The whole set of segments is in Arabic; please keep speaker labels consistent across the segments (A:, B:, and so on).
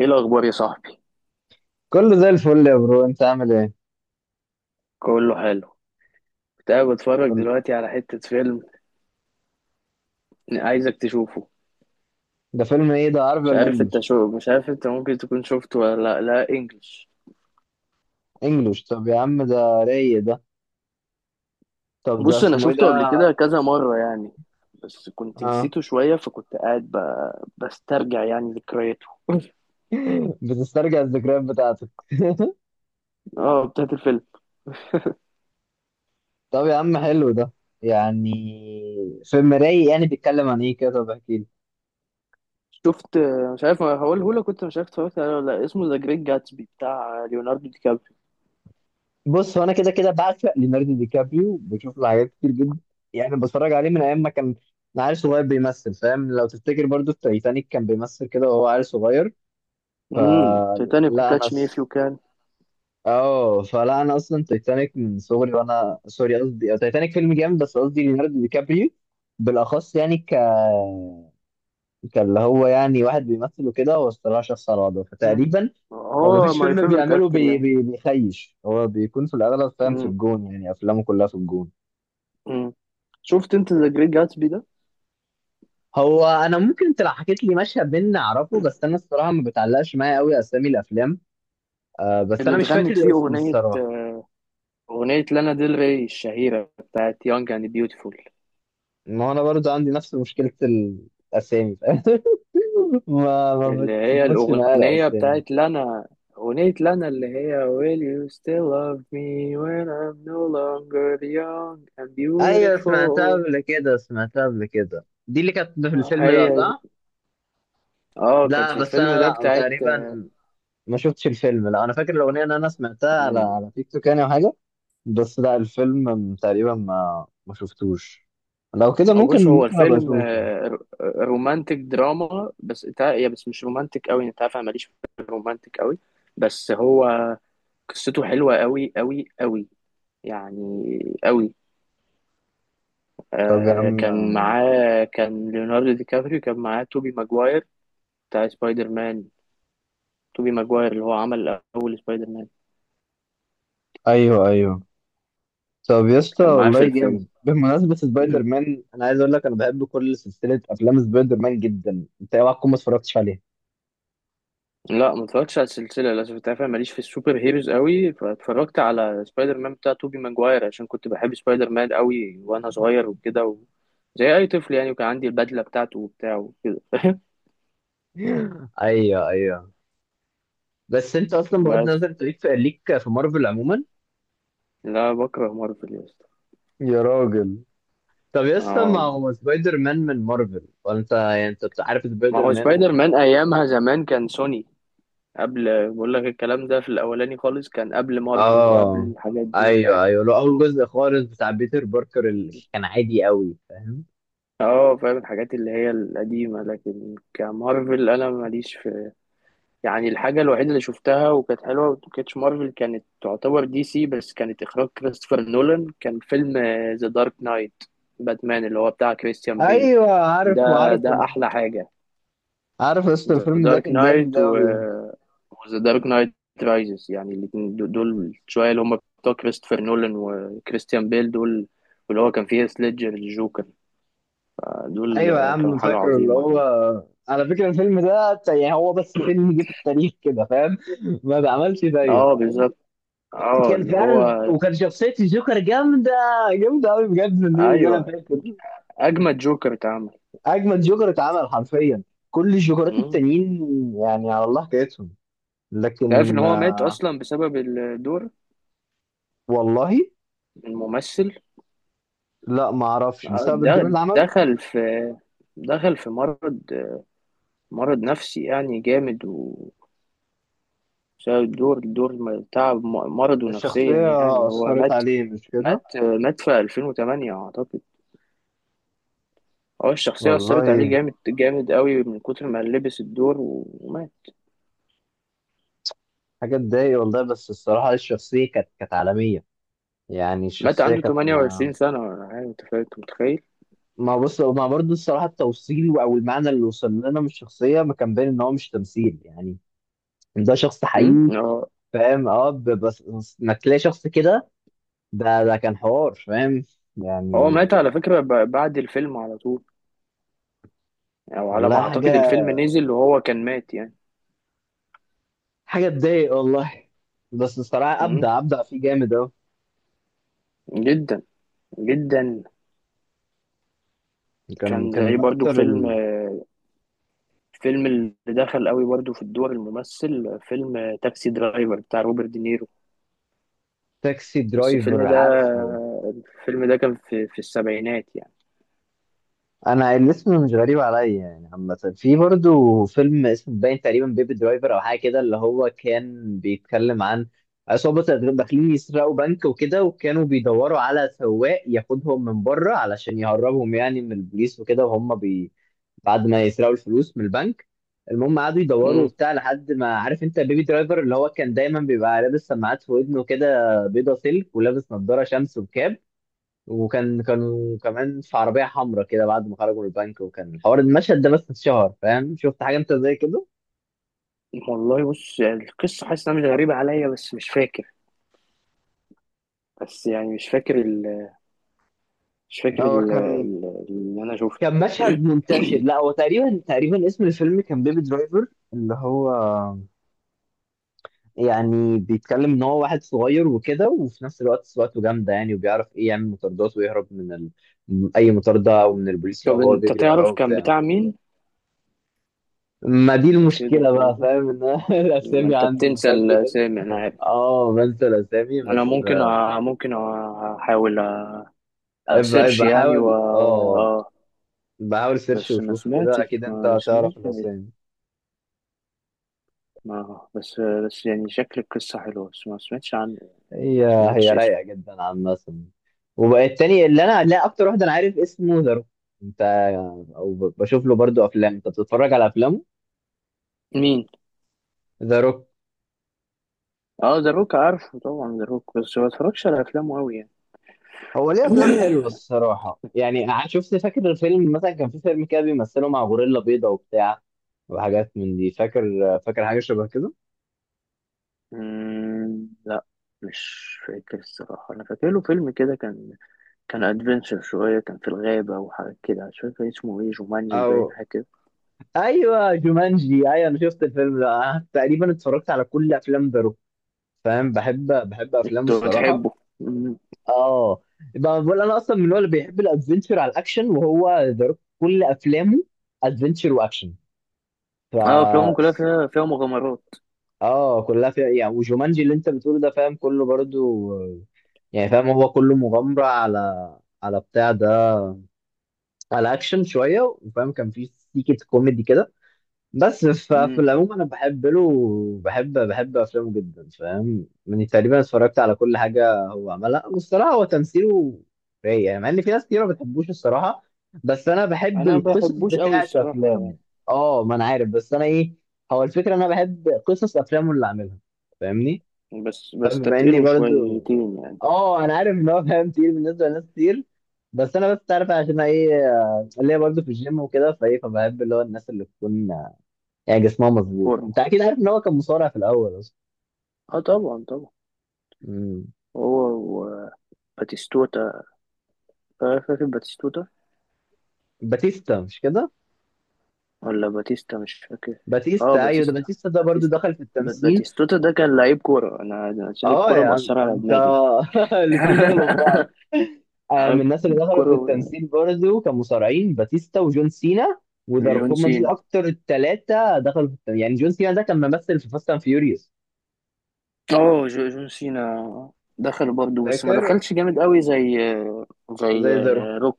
A: ايه الاخبار يا صاحبي؟
B: كله زي الفل يا برو، انت عامل ايه؟
A: كله حلو. كنت قاعد بتفرج
B: كل-
A: دلوقتي على حتة فيلم عايزك تشوفه.
B: ده فيلم ايه؟ ده عربي ولا انجلش؟
A: مش عارف، انت ممكن تكون شفته ولا لا، لا انجلش.
B: انجلش؟ طب يا عم ده رايق ده. طب ده
A: بص، انا
B: اسمه ايه
A: شفته قبل
B: ده؟
A: كده كذا مرة يعني، بس كنت
B: اه.
A: نسيته شوية، فكنت قاعد بسترجع يعني ذكرياته.
B: بتسترجع الذكريات بتاعتك.
A: اه، بتاعت الفيلم.
B: طب يا عم حلو ده، يعني فيلم رايق. يعني بيتكلم عن ايه كده؟ طب احكي لي.
A: شفت، مش عارف هقوله لك، كنت مش عارف اتفرجت عليه ولا لا. اسمه ذا جريت جاتسبي بتاع ليوناردو دي كابريو.
B: بص، هو انا كده كده بعشق ليوناردو دي كابريو، بشوف له حاجات كتير جدا. يعني بتفرج عليه من ايام ما كان عيل صغير بيمثل، فاهم؟ لو تفتكر برضو في تايتانيك كان بيمثل كده وهو عيل صغير.
A: تيتانيك
B: فلا انا
A: وكاتش مي اف يو كان.
B: اه، فلا انا اصلا تايتانيك من صغري، وانا سوري، قصدي تايتانيك فيلم جامد، بس قصدي ليوناردو دي كابريو بالاخص. يعني كاللي هو يعني واحد بيمثل وكده، هو الصراحه شخص على وضعه، فتقريبا هو
A: هو
B: مفيش
A: ماي
B: فيلم
A: فيفورت
B: بيعمله
A: اكتر يعني.
B: بيخيش. هو بيكون في الاغلب فاهم في الجون، يعني افلامه كلها في الجون.
A: امم شفت انت ذا جريت جاتسبي ده؟
B: هو انا ممكن انت لو حكيت لي مشهد منه اعرفه، بس انا الصراحه ما بتعلقش معايا قوي اسامي الافلام. آه، بس
A: اللي
B: انا مش فاكر
A: اتغنت فيه
B: الاسم الصراحه.
A: اغنيه لانا ديل ري الشهيره بتاعت يونج اند بيوتيفول.
B: ما هو انا برضو عندي نفس مشكله الاسامي. ما
A: اللي هي
B: بتربطش معايا
A: الاغنيه
B: الاسامي.
A: بتاعت لانا، اغنيه لانا اللي هي Will you still love me when I'm no longer young and
B: ايوه، سمعتها
A: beautiful.
B: قبل كده، سمعتها قبل كده، دي اللي كانت في الفيلم ده
A: هي
B: صح؟
A: دي. اه، كانت
B: لا
A: في
B: بس
A: الفيلم
B: انا،
A: ده
B: لا
A: بتاعت.
B: تقريبا ما شفتش الفيلم. لا انا فاكر الاغنيه ان انا سمعتها على
A: مم.
B: على تيك توك يعني، او حاجه. بس لا الفيلم تقريبا ما شفتوش. لو كده
A: بص،
B: ممكن،
A: هو
B: ممكن ابقى
A: الفيلم
B: اشوفه.
A: رومانتك دراما، بس يا بس مش رومانتك قوي، انت عارف انا ماليش في الرومانتك قوي. بس هو قصته حلوة قوي قوي قوي، يعني قوي.
B: طب يا
A: كان
B: عم.
A: معاه، كان ليوناردو دي كابريو كان معاه توبي ماجواير، بتاع سبايدر مان. توبي ماجواير اللي هو عمل أول سبايدر مان.
B: ايوه ايوه. طب يا اسطى
A: كان معاه في
B: والله جامد.
A: الفيلم.
B: بمناسبه سبايدر مان، انا عايز اقول لك انا بحب كل سلسله افلام سبايدر مان جدا. انت إيه، اوعى تكون ما اتفرجتش عليها.
A: لا، ما اتفرجتش على السلسلة للأسف. انت عارف أنا ماليش في السوبر هيروز قوي، فاتفرجت على سبايدر مان بتاع توبي ماجواير عشان كنت بحب سبايدر مان قوي وأنا صغير وكده و... زي أي طفل يعني، وكان عندي البدلة بتاعته وبتاع وكده.
B: ايوه ايوه. بس انت اصلا بغض
A: بس
B: النظر، انت ليك في، ليك في مارفل عموما؟
A: لا، بكره مارفل يا اسطى.
B: يا راجل، طب يا اسطى ما
A: آه.
B: هو سبايدر مان من مارفل، وانت يعني انت عارف
A: ما
B: سبايدر
A: هو
B: مان
A: سبايدر مان
B: وكده.
A: ايامها زمان كان سوني، قبل، بقول لك الكلام ده في الاولاني خالص، كان قبل مارفل وقبل
B: اه.
A: الحاجات دي، فاهم.
B: ايوه ايوه، لو اول جزء خالص بتاع بيتر باركر اللي كان عادي قوي، فاهم.
A: اه، فاهم الحاجات اللي هي القديمة، لكن كمارفل انا ماليش في يعني. الحاجة الوحيدة اللي شفتها وكانت حلوة وكانتش مارفل، كانت تعتبر دي سي، بس كانت اخراج كريستوفر نولان، كان فيلم ذا دارك نايت، باتمان اللي هو بتاع كريستيان بيل.
B: ايوه عارفه
A: ده
B: عارفه.
A: ده احلى حاجة.
B: عارف يا اسطى
A: ذا
B: الفيلم ده
A: دارك
B: كان
A: نايت
B: جامد
A: و
B: اوي.
A: ذا دارك نايت رايزز، يعني الاتنين دول، شوية اللي هم بتوع كريستوفر نولان وكريستيان بيل دول، واللي هو كان فيه سليدجر الجوكر دول،
B: ايوه يا
A: كانوا
B: عم،
A: حاجة
B: فاكره اللي
A: عظيمة
B: هو.
A: يعني.
B: على فكره الفيلم ده يعني هو بس فيلم جه في التاريخ كده، فاهم؟ ما بعملش
A: اه،
B: زيه.
A: بالظبط. اه،
B: كان
A: اللي هو،
B: فعلا، وكان شخصية الجوكر جامدة، جامدة أوي بجد، من الفيلم اللي أنا
A: ايوه،
B: فاكر.
A: اجمد جوكر اتعمل.
B: أجمد جوكر اتعمل حرفيا، كل الجوكرات
A: مم.
B: التانيين يعني على الله حكايتهم.
A: انت عارف ان
B: لكن
A: هو مات
B: آه،
A: اصلا بسبب الدور،
B: والله؟
A: الممثل؟
B: لا ما أعرفش. بسبب الدور
A: ده
B: اللي عمله؟
A: دخل في، دخل في مرض مرض نفسي يعني جامد، بسبب الدور، تعب، مرضه نفسيا يعني،
B: الشخصية
A: هو
B: أثرت
A: مات.
B: عليه، مش كده؟
A: مات في 2008 أعتقد. هو الشخصية أثرت عليه
B: والله
A: جامد جامد قوي من كتر ما لبس الدور، ومات.
B: حاجة تضايق والله. بس الصراحة الشخصية كانت، كانت عالمية. يعني
A: مات
B: الشخصية
A: عنده
B: كانت ما.
A: 28 سنة ولا حاجة. أنت أنت متخيل؟
B: ما بص، ما برضه الصراحة التوصيل أو المعنى اللي وصل لنا من الشخصية ما كان باين إن هو مش تمثيل، يعني ده شخص
A: أمم؟
B: حقيقي، فاهم؟ اه، بس انك تلاقي شخص كده، ده ده كان حوار، فاهم
A: هو
B: يعني.
A: مات على فكرة، بعد الفيلم على طول، أو على ما
B: والله
A: أعتقد
B: حاجه،
A: الفيلم نزل وهو كان مات يعني.
B: حاجه تضايق والله. بس الصراحه
A: أمم؟
B: ابدع، ابدع فيه جامد اهو.
A: جدا جدا.
B: كان
A: كان
B: كان
A: زي
B: من
A: برضو
B: اكتر.
A: فيلم، اللي دخل قوي برضو في الدور الممثل، فيلم تاكسي درايفر بتاع روبرت دينيرو.
B: التاكسي
A: بس الفيلم
B: درايفر
A: ده،
B: عارفه.
A: كان في السبعينات يعني.
B: انا الاسم مش غريب عليا يعني عامه. في برضو فيلم اسمه باين تقريبا بيبي درايفر او حاجه كده، اللي هو كان بيتكلم عن عصابه داخلين يسرقوا بنك وكده، وكانوا بيدوروا على سواق ياخدهم من بره علشان يهربهم يعني من البوليس وكده، وهم بعد ما يسرقوا الفلوس من البنك. المهم قعدوا يدوروا
A: امم
B: وبتاع، لحد ما، عارف انت بيبي درايفر اللي هو كان دايما بيبقى لابس سماعات في ودنه كده، بيضه سلك، ولابس نضاره شمس وكاب. وكان، كانوا كمان في عربية حمراء كده بعد ما خرجوا من البنك، وكان الحوار المشهد ده بس اتشهر، فاهم؟ شفت حاجة انت زي كده؟
A: والله، بص يعني القصة حاسس انها مش غريبة عليا، بس مش فاكر، بس يعني مش فاكر
B: هو كان،
A: اللي انا شفته.
B: كان مشهد منتشر. لا هو تقريبا، تقريبا اسم الفيلم كان بيبي درايفر، اللي هو يعني بيتكلم ان هو واحد صغير وكده، وفي نفس الوقت سواقته جامده يعني، وبيعرف ايه يعمل مطاردات ويهرب من اي مطارده او من البوليس لو
A: طب
B: هو
A: انت
B: بيجري وراه
A: تعرف كان
B: وبتاع.
A: بتاع مين،
B: ما دي
A: او تقدر
B: المشكله
A: تقول
B: بقى،
A: لي؟
B: فاهم، ان أنا
A: ما
B: الاسامي
A: انت
B: عندي مش
A: بتنسى
B: قد كده.
A: الاسامي انا عارف.
B: اه، بنسى الاسامي
A: انا
B: بس.
A: احاول
B: ابقى
A: اسيرش
B: ابقى
A: يعني و...
B: حاول.
A: و...
B: اه
A: اه
B: بحاول سيرش
A: بس
B: وشوف كده، اكيد انت
A: ما
B: هتعرف
A: سمعتش يعني،
B: الاسامي.
A: ما بس، بس يعني شكل القصة حلوة، بس ما سمعتش عنه، ما
B: هي،
A: سمعتش
B: هي
A: اسمه.
B: رايقه جدا عامه. وبقى التاني اللي انا، لا اكتر واحد انا عارف اسمه ذا روك. انت، او بشوف له برضو افلام. انت بتتفرج على افلامه؟
A: مين؟
B: ذا روك.
A: اه، ذا روك، عارفه طبعا ذا روك، بس ما بتفرجش على افلامه قوي يعني.
B: هو ليه افلام حلوه الصراحه، يعني شفت فاكر الفيلم مثلا كان في فيلم كده بيمثله مع غوريلا بيضه وبتاع، وحاجات من دي. فاكر؟ فاكر حاجه شبه كده؟
A: مم، لا. مش فاكر الصراحه، انا فاكر له فيلم كده، كان ادفنشر شويه، كان في الغابه وحاجات كده، مش فاكر اسمه ايه، جومانجي باين
B: او،
A: حاجه كده.
B: ايوه جومانجي، ايوه انا شفت الفيلم ده. أنا تقريبا اتفرجت على كل افلام ذا روك، فاهم؟ بحب، بحب افلامه
A: انت
B: الصراحه.
A: بتحبه؟ مم.
B: اه. بقى بقول انا اصلا من النوع اللي بيحب الادفنتشر على الاكشن، وهو ذا روك كل افلامه ادفنتشر واكشن. ف
A: اه، افلامه كلها فيها مغامرات.
B: اه كلها فيها يعني. وجومانجي اللي انت بتقوله ده، فاهم، كله برضو يعني، فاهم، هو كله مغامره، على على بتاع ده، على اكشن شويه، وفاهم كان فيه سيكه كوميدي كده. بس في
A: مم.
B: العموم انا بحب له. بحب، بحب افلامه جدا، فاهم، يعني تقريبا اتفرجت على كل حاجه هو عملها. والصراحه هو تمثيله رايق، يعني مع ان في ناس كتير ما بتحبوش الصراحه، بس انا بحب
A: انا ما
B: القصص
A: بحبوش قوي
B: بتاعت
A: الصراحه
B: افلامه.
A: يعني،
B: اه، ما انا عارف، بس انا ايه، هو الفكره انا بحب قصص افلامه اللي عاملها، فاهمني؟
A: بس
B: فبما اني
A: بستتقله
B: برضو،
A: شويتين يعني.
B: اه انا عارف ان هو فاهم كتير بالنسبه لناس كتير، بس انا بس عارف عشان ايه. آه، اللي هي برضه في الجيم وكده، فايه فبحب اللي هو الناس اللي تكون يعني جسمها مظبوط.
A: فورمه؟
B: انت اكيد عارف ان هو كان مصارع في الاول اصلا.
A: اه، طبعا طبعا.
B: امم.
A: هو و- باتيستوتا، آه، فاكر باتيستوتا
B: باتيستا مش كده؟
A: ولا باتيستا، مش فاكر. اه،
B: باتيستا، ايوه ده
A: باتيستا،
B: باتيستا، ده برضو
A: باتيستا،
B: دخل في التمثيل.
A: باتيستوتا ده كان لعيب كورة، أنا عشان
B: اه
A: الكورة
B: يا عم
A: مأثرة على
B: انت
A: دماغي.
B: الاتنين دخلوا في بعض. آه، من
A: عارف،
B: الناس اللي دخلوا في
A: الكورة.
B: التمثيل برضو كان مصارعين، باتيستا وجون سينا وذا روك،
A: جون
B: هما دول
A: سينا،
B: اكتر التلاتة دخلوا في التمثيل. يعني جون سينا ده كان ممثل في فاست اند فيوريوس.
A: اه، جون سينا دخل برضه، بس ما
B: فاكر.
A: دخلش جامد قوي، زي
B: زي ذا روك.
A: روك.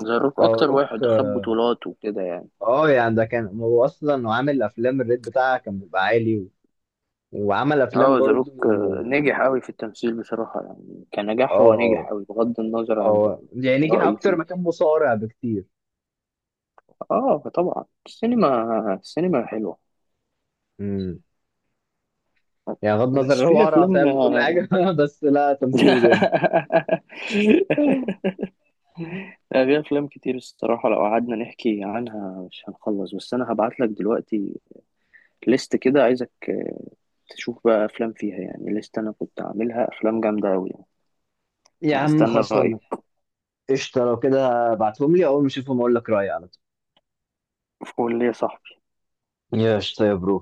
A: زي روك
B: اه
A: أكتر
B: روك.
A: واحد خد بطولات وكده يعني.
B: اه يعني ده كان، هو اصلا عامل افلام الريت بتاعها كان بيبقى عالي، وعمل افلام
A: اه، ذا روك
B: برضو.
A: نجح قوي في التمثيل بصراحة، يعني كنجاح هو نجح
B: اه.
A: قوي بغض النظر عن
B: هو يعني نجح
A: رأيي
B: اكتر
A: فيه.
B: ما كان مصارع بكتير.
A: اه، طبعا، السينما، حلوة،
B: امم. يعني بغض النظر إن
A: بس
B: هو
A: في
B: قرع،
A: افلام.
B: فاهم، وكل حاجه بس لا تمثيله جامد.
A: في افلام كتير الصراحه، لو قعدنا نحكي عنها مش هنخلص، بس انا هبعت لك دلوقتي ليست كده، عايزك تشوف بقى افلام فيها يعني، ليست انا كنت عاملها افلام جامده قوي يعني،
B: يا عم
A: وهستنى رايك.
B: خلصانه. قشطه لو كده ابعتهم لي، اول ما اشوفهم اقول لك رايي على طول.
A: قول لي يا صاحبي.
B: يا قشطه يا برو.